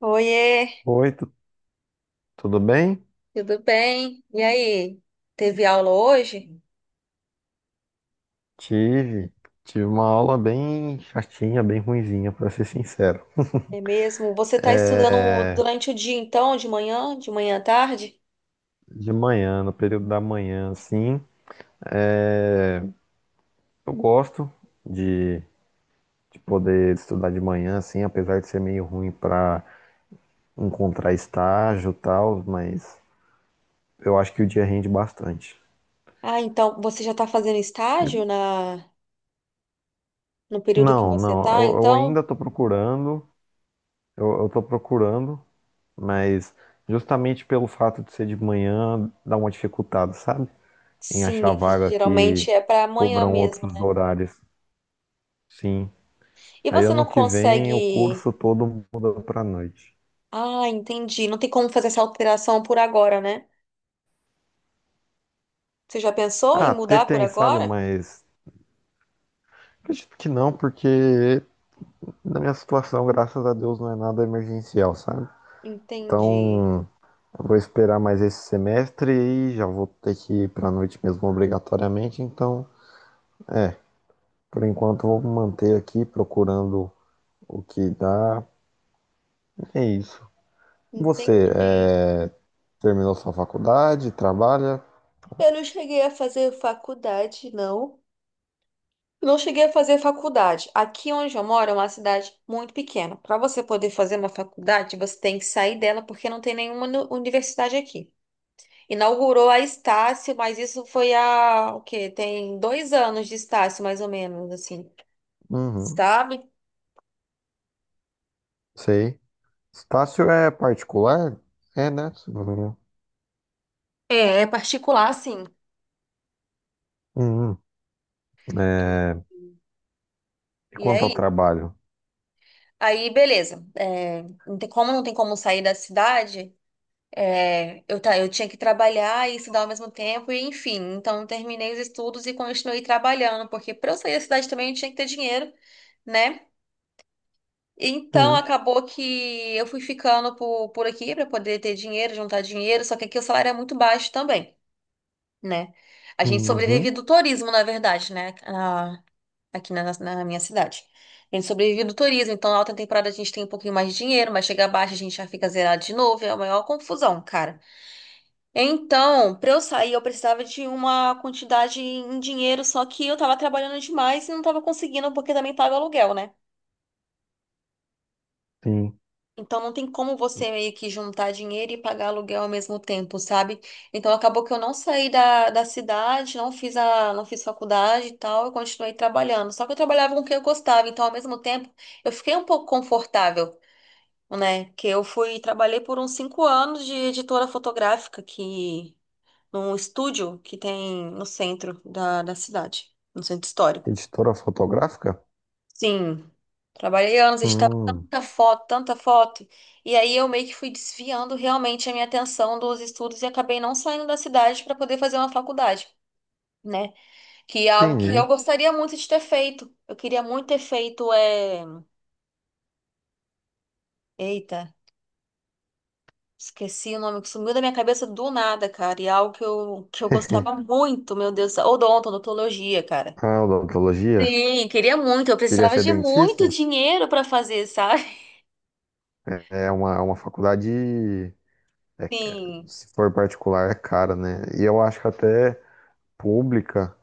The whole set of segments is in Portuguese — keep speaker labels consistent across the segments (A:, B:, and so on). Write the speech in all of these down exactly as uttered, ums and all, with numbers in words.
A: Oiê,
B: Oi, tu- tudo bem?
A: tudo bem? E aí, teve aula hoje?
B: Tive, tive uma aula bem chatinha, bem ruinzinha, pra ser sincero.
A: É mesmo? Você está estudando
B: É,
A: durante o dia, então, de manhã, de manhã à tarde?
B: de manhã, no período da manhã, assim, é, eu gosto de, de poder estudar de manhã, assim, apesar de ser meio ruim pra encontrar estágio e tal, mas eu acho que o dia rende bastante.
A: Ah, então, você já está fazendo estágio
B: E-
A: na, no período que
B: Não,
A: você
B: não,
A: está,
B: eu, eu ainda
A: então?
B: tô procurando, eu, eu tô procurando, mas justamente pelo fato de ser de manhã, dá uma dificultada, sabe? Em
A: Sim,
B: achar
A: é que
B: vaga que
A: geralmente é para amanhã
B: cobram
A: mesmo,
B: outros
A: né?
B: horários. Sim.
A: E
B: Aí
A: você
B: ano
A: não
B: que vem o
A: consegue.
B: curso todo muda pra noite.
A: Ah, entendi. Não tem como fazer essa alteração por agora, né? Você já pensou
B: Ah,
A: em
B: até
A: mudar por
B: tem, sabe?
A: agora?
B: Mas acredito que não, porque na minha situação, graças a Deus, não é nada emergencial, sabe?
A: Entendi.
B: Então, eu vou esperar mais esse semestre e já vou ter que ir pra noite mesmo obrigatoriamente. Então, é, por enquanto eu vou me manter aqui procurando o que dá é isso. Você
A: Entendi.
B: é, terminou sua faculdade, trabalha?
A: Eu não cheguei a fazer faculdade, não. Não cheguei a fazer faculdade. Aqui onde eu moro é uma cidade muito pequena. Para você poder fazer uma faculdade, você tem que sair dela porque não tem nenhuma nu- universidade aqui. Inaugurou a Estácio, mas isso foi há o quê? Tem dois anos de Estácio, mais ou menos, assim,
B: Uhum,
A: sabe?
B: sei. Estácio é particular? É, né?
A: É, é particular, sim.
B: Uhum.
A: E,
B: É, e
A: e
B: quanto ao
A: aí?
B: trabalho?
A: Aí, beleza. É, não tem como não tem como sair da cidade. É, eu, ta- eu tinha que trabalhar e estudar ao mesmo tempo, e enfim, então terminei os estudos e continuei trabalhando, porque para eu sair da cidade também eu tinha que ter dinheiro, né? Então
B: Sim.
A: acabou que eu fui ficando por, por aqui para poder ter dinheiro, juntar dinheiro, só que aqui o salário é muito baixo também, né? A gente sobrevive
B: Uhum.
A: do turismo, na verdade, né? Ah, aqui na, na minha cidade. A gente sobrevive do turismo, então na alta temporada a gente tem um pouquinho mais de dinheiro, mas chega abaixo a gente já fica zerado de novo, é a maior confusão, cara. Então, para eu sair, eu precisava de uma quantidade em dinheiro, só que eu tava trabalhando demais e não tava conseguindo, porque também paga aluguel, né?
B: Sim.
A: Então não tem como você meio que juntar dinheiro e pagar aluguel ao mesmo tempo, sabe? Então acabou que eu não saí da, da cidade, não fiz a, não fiz faculdade e tal, eu continuei trabalhando. Só que eu trabalhava com o que eu gostava, então ao mesmo tempo eu fiquei um pouco confortável, né? Que eu fui, trabalhei por uns cinco anos de editora fotográfica que num estúdio que tem no centro da, da cidade, no centro histórico.
B: Editora fotográfica?
A: Sim, trabalhei anos, estava
B: Hum,
A: tanta foto, tanta foto. E aí eu meio que fui desviando realmente a minha atenção dos estudos e acabei não saindo da cidade para poder fazer uma faculdade, né? Que é algo que eu
B: entendi.
A: gostaria muito de ter feito. Eu queria muito ter feito é, eita, esqueci o nome que sumiu da minha cabeça do nada, cara. E é algo que eu que eu gostava muito, meu Deus, odonto, odontologia, cara.
B: Ah, odontologia?
A: Sim, queria muito. Eu
B: Queria
A: precisava
B: ser
A: de muito
B: dentista?
A: dinheiro para fazer, sabe?
B: É é uma, uma, faculdade, é,
A: Sim,
B: se for particular, é cara, né? E eu acho que até pública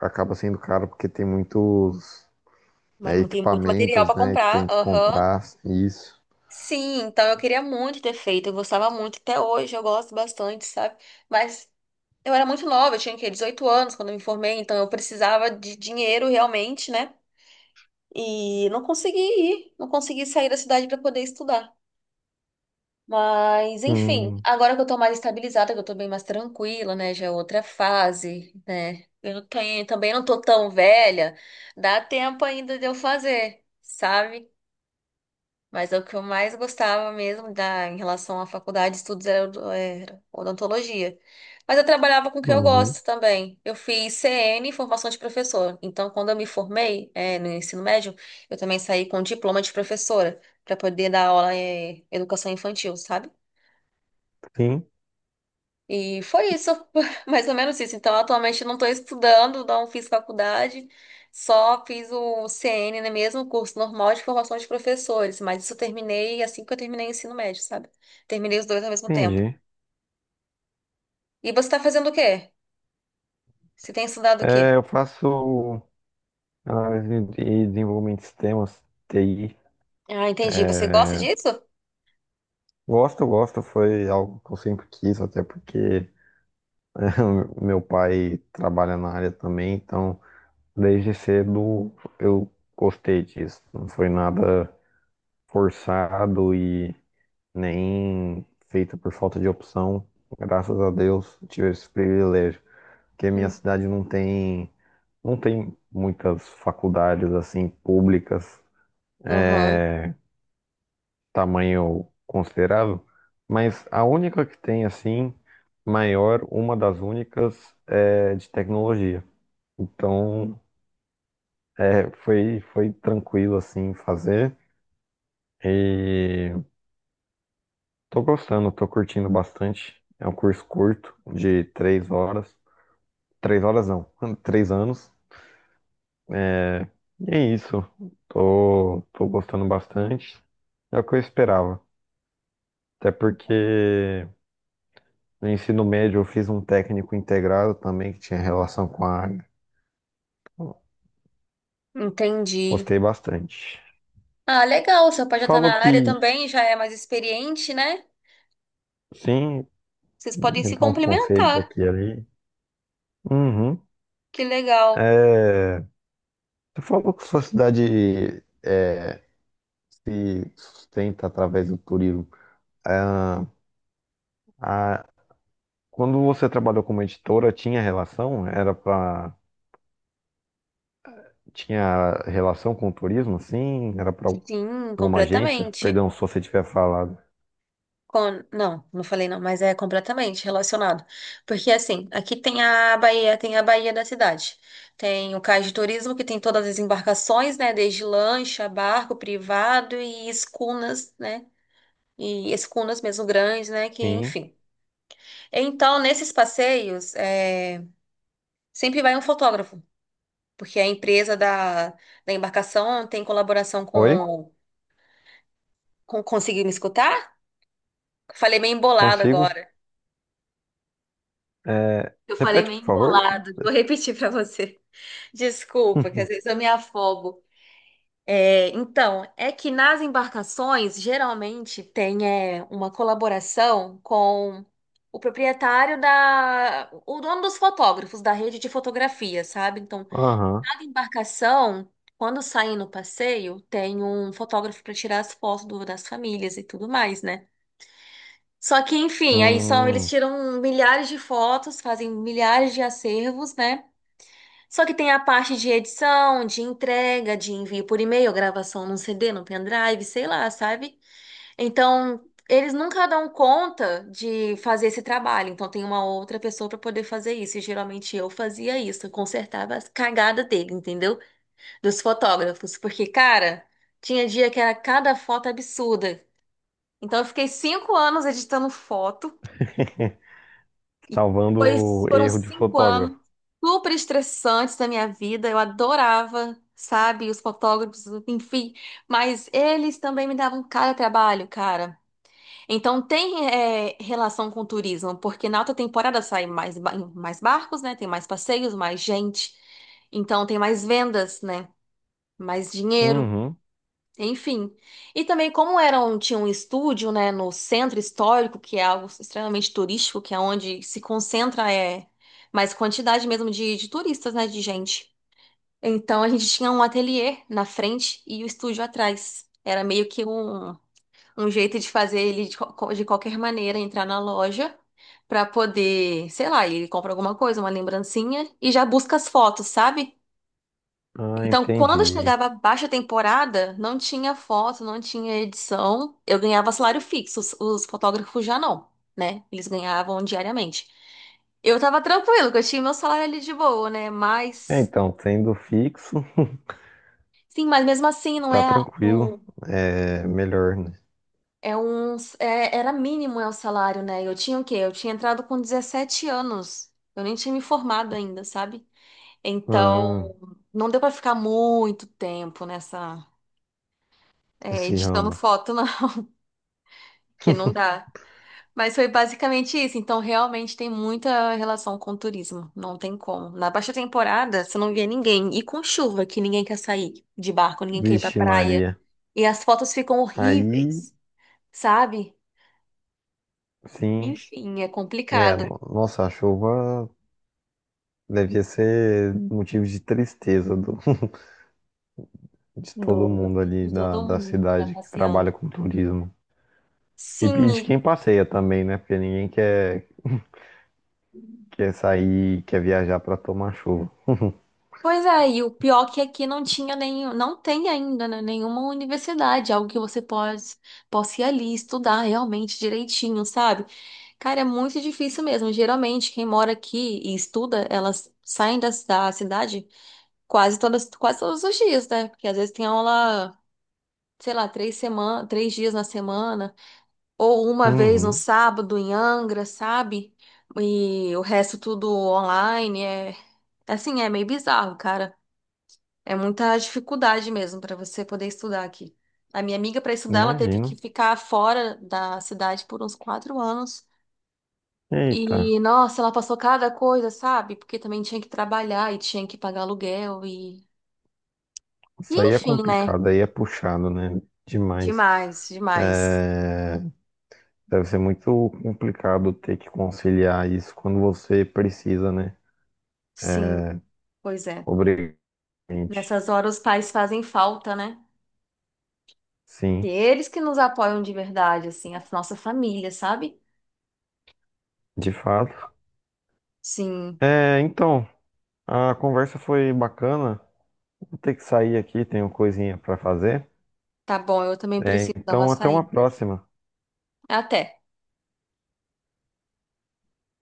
B: acaba sendo caro porque tem muitos
A: mas
B: é,
A: não tem muito material
B: equipamentos,
A: para
B: né, que
A: comprar.
B: tem que
A: Aham.
B: comprar isso.
A: Sim, então eu queria muito ter feito. Eu gostava muito. Até hoje eu gosto bastante, sabe? Mas eu era muito nova, eu tinha, o quê? dezoito anos quando eu me formei, então eu precisava de dinheiro realmente, né? E não consegui ir, não consegui sair da cidade para poder estudar. Mas, enfim,
B: Hum,
A: agora que eu tô mais estabilizada, que eu tô bem mais tranquila, né? Já é outra fase, né? Eu não tenho- também não tô tão velha, dá tempo ainda de eu fazer, sabe? Mas é o que eu mais gostava mesmo da, em relação à faculdade de estudos era, o- era odontologia. Mas eu trabalhava com o que eu
B: uhum.
A: gosto também. Eu fiz C N, formação de professor. Então, quando eu me formei, eh, no ensino médio, eu também saí com diploma de professora, para poder dar aula em educação infantil, sabe?
B: Sim,
A: E foi isso, mais ou menos isso. Então, atualmente eu não estou estudando, não fiz faculdade, só fiz o C N, né, mesmo o curso normal de formação de professores, mas isso eu terminei assim que eu terminei o ensino médio, sabe? Terminei os dois ao mesmo tempo.
B: entendi.
A: E você está fazendo o quê? Você tem estudado o quê?
B: É, eu faço análise e desenvolvimento de sistemas, T I.
A: Ah, entendi. Você gosta disso?
B: Gosto, gosto, foi algo que eu sempre quis, até porque meu pai trabalha na área também, então desde cedo eu gostei disso. Não foi nada forçado e nem feita por falta de opção. Graças a Deus tive esse privilégio, porque a minha
A: Hum.
B: cidade não tem, não tem muitas faculdades assim públicas,
A: Aham,
B: é, tamanho considerável, mas a única que tem assim maior, uma das únicas é de tecnologia. Então, é, foi foi tranquilo assim fazer e tô gostando, tô curtindo bastante. É um curso curto de três horas. Três horas não, três anos. É, E é isso. Tô, tô gostando bastante. É o que eu esperava. Até porque no ensino médio eu fiz um técnico integrado também que tinha relação com a área.
A: entendi.
B: Gostei bastante.
A: Ah, legal, seu pai já está
B: Falou
A: na área
B: que
A: também, já é mais experiente, né?
B: sim,
A: Vocês podem
B: me
A: se
B: dá uns conselhos
A: complementar.
B: aqui e ali. Uhum.
A: Que legal.
B: É, Você falou que sua cidade é, se sustenta através do turismo. Ah, A, Quando você trabalhou como editora, tinha relação? Era para Tinha relação com o turismo, assim? Era para
A: Sim,
B: alguma agência?
A: completamente.
B: Perdão, se você tiver falado.
A: Con- Não, não falei não, mas é completamente relacionado. Porque assim, aqui tem a Bahia, tem a Bahia da cidade. Tem o cais de turismo, que tem todas as embarcações, né? Desde lancha, barco privado e escunas, né? E escunas mesmo grandes, né? Que,
B: Sim.
A: enfim. Então, nesses passeios, é, sempre vai um fotógrafo, porque a empresa da, da embarcação tem colaboração
B: Oi?
A: com, com... Conseguiu me escutar? Falei meio embolado
B: Consigo?
A: agora.
B: É,
A: Eu falei
B: Repete,
A: meio
B: por favor.
A: embolado. Vou repetir para você. Desculpa, que às vezes eu me afogo. É, então, é que nas embarcações geralmente tem é, uma colaboração com o proprietário da, o dono dos fotógrafos da rede de fotografia, sabe? Então,
B: Aham.
A: cada embarcação, quando sai no passeio, tem um fotógrafo para tirar as fotos do- das famílias e tudo mais, né? Só que, enfim, aí são, eles
B: Hum.
A: tiram milhares de fotos, fazem milhares de acervos, né? Só que tem a parte de edição, de entrega, de envio por e-mail, gravação num C D, num pendrive, sei lá, sabe? Então, eles nunca dão conta de fazer esse trabalho. Então, tem uma outra pessoa para poder fazer isso. E geralmente eu fazia isso, eu consertava as cagadas dele, entendeu? Dos fotógrafos. Porque, cara, tinha dia que era cada foto absurda. Então, eu fiquei cinco anos editando foto. E
B: Salvando
A: pois
B: o
A: foram
B: erro de
A: cinco anos
B: fotógrafo.
A: super estressantes da minha vida. Eu adorava, sabe, os fotógrafos, enfim. Mas eles também me davam cara trabalho, cara. Então tem é, relação com o turismo, porque na alta temporada saem mais, ba- mais barcos, né? Tem mais passeios, mais gente. Então tem mais vendas, né? Mais dinheiro.
B: Uhum.
A: Enfim. E também como era um, tinha um estúdio, né, no centro histórico, que é algo extremamente turístico, que é onde se concentra é mais quantidade mesmo de, de turistas, né, de gente. Então a gente tinha um ateliê na frente e o estúdio atrás. Era meio que um, um jeito de fazer ele de, qual- de qualquer maneira entrar na loja para poder, sei lá, ele compra alguma coisa, uma lembrancinha e já busca as fotos, sabe?
B: Ah,
A: Então, quando
B: entendi.
A: chegava a baixa temporada, não tinha foto, não tinha edição. Eu ganhava salário fixo, os, os fotógrafos já não, né? Eles ganhavam diariamente. Eu tava tranquilo, que eu tinha meu salário ali de boa, né?
B: É,
A: Mas,
B: Então, sendo fixo,
A: sim, mas mesmo assim, não
B: tá
A: é, a-
B: tranquilo.
A: não,
B: É melhor, né?
A: é um, é- era mínimo é o salário, né? Eu tinha o quê? Eu tinha entrado com dezessete anos. Eu nem tinha me formado ainda, sabe? Então,
B: Ah,
A: não deu pra ficar muito tempo nessa, é,
B: esse
A: editando
B: ramo.
A: foto, não, que não dá. Mas foi basicamente isso. Então, realmente tem muita relação com o turismo. Não tem como. Na baixa temporada, você não via ninguém. E com chuva, que ninguém quer sair de barco, ninguém quer ir pra
B: Vixe,
A: praia.
B: Maria.
A: E as fotos ficam
B: Aí,
A: horríveis, sabe?
B: sim,
A: Enfim, é
B: é,
A: complicado
B: no- nossa, a chuva devia ser motivo de tristeza do- de todo
A: do,
B: mundo ali
A: do
B: da,
A: todo
B: da
A: mundo que tá
B: cidade que
A: passeando.
B: trabalha com turismo. E,
A: Sim,
B: e de quem passeia também, né? Porque ninguém quer, quer sair, quer viajar para tomar chuva.
A: pois é, e o pior que aqui não tinha nenhum, não tem ainda, né, nenhuma universidade, algo que você pode, possa ir ali estudar realmente direitinho, sabe? Cara, é muito difícil mesmo. Geralmente, quem mora aqui e estuda, elas saem da, da cidade quase todas, quase todos os dias, né? Porque às vezes tem aula, sei lá, três semana, três dias na semana, ou uma vez no
B: Uhum,
A: sábado em Angra, sabe? E o resto tudo online, é assim, é meio bizarro, cara. É muita dificuldade mesmo para você poder estudar aqui. A minha amiga, para estudar, ela teve que
B: imagino.
A: ficar fora da cidade por uns quatro anos.
B: Eita,
A: E, nossa, ela passou cada coisa, sabe? Porque também tinha que trabalhar e tinha que pagar aluguel e... E,
B: isso aí é
A: enfim, né?
B: complicado, aí é puxado, né? Demais.
A: Demais, demais.
B: É, Deve ser muito complicado ter que conciliar isso quando você precisa, né?
A: Sim, pois é.
B: Obrigante.
A: Nessas horas os pais fazem falta, né? E
B: Sim.
A: eles que nos apoiam de verdade, assim, a nossa família, sabe?
B: De fato.
A: Sim,
B: É, então, a conversa foi bacana. Vou ter que sair aqui, tenho coisinha para fazer.
A: tá bom, eu também
B: É,
A: preciso dar uma
B: então, até uma
A: saída.
B: próxima.
A: Até.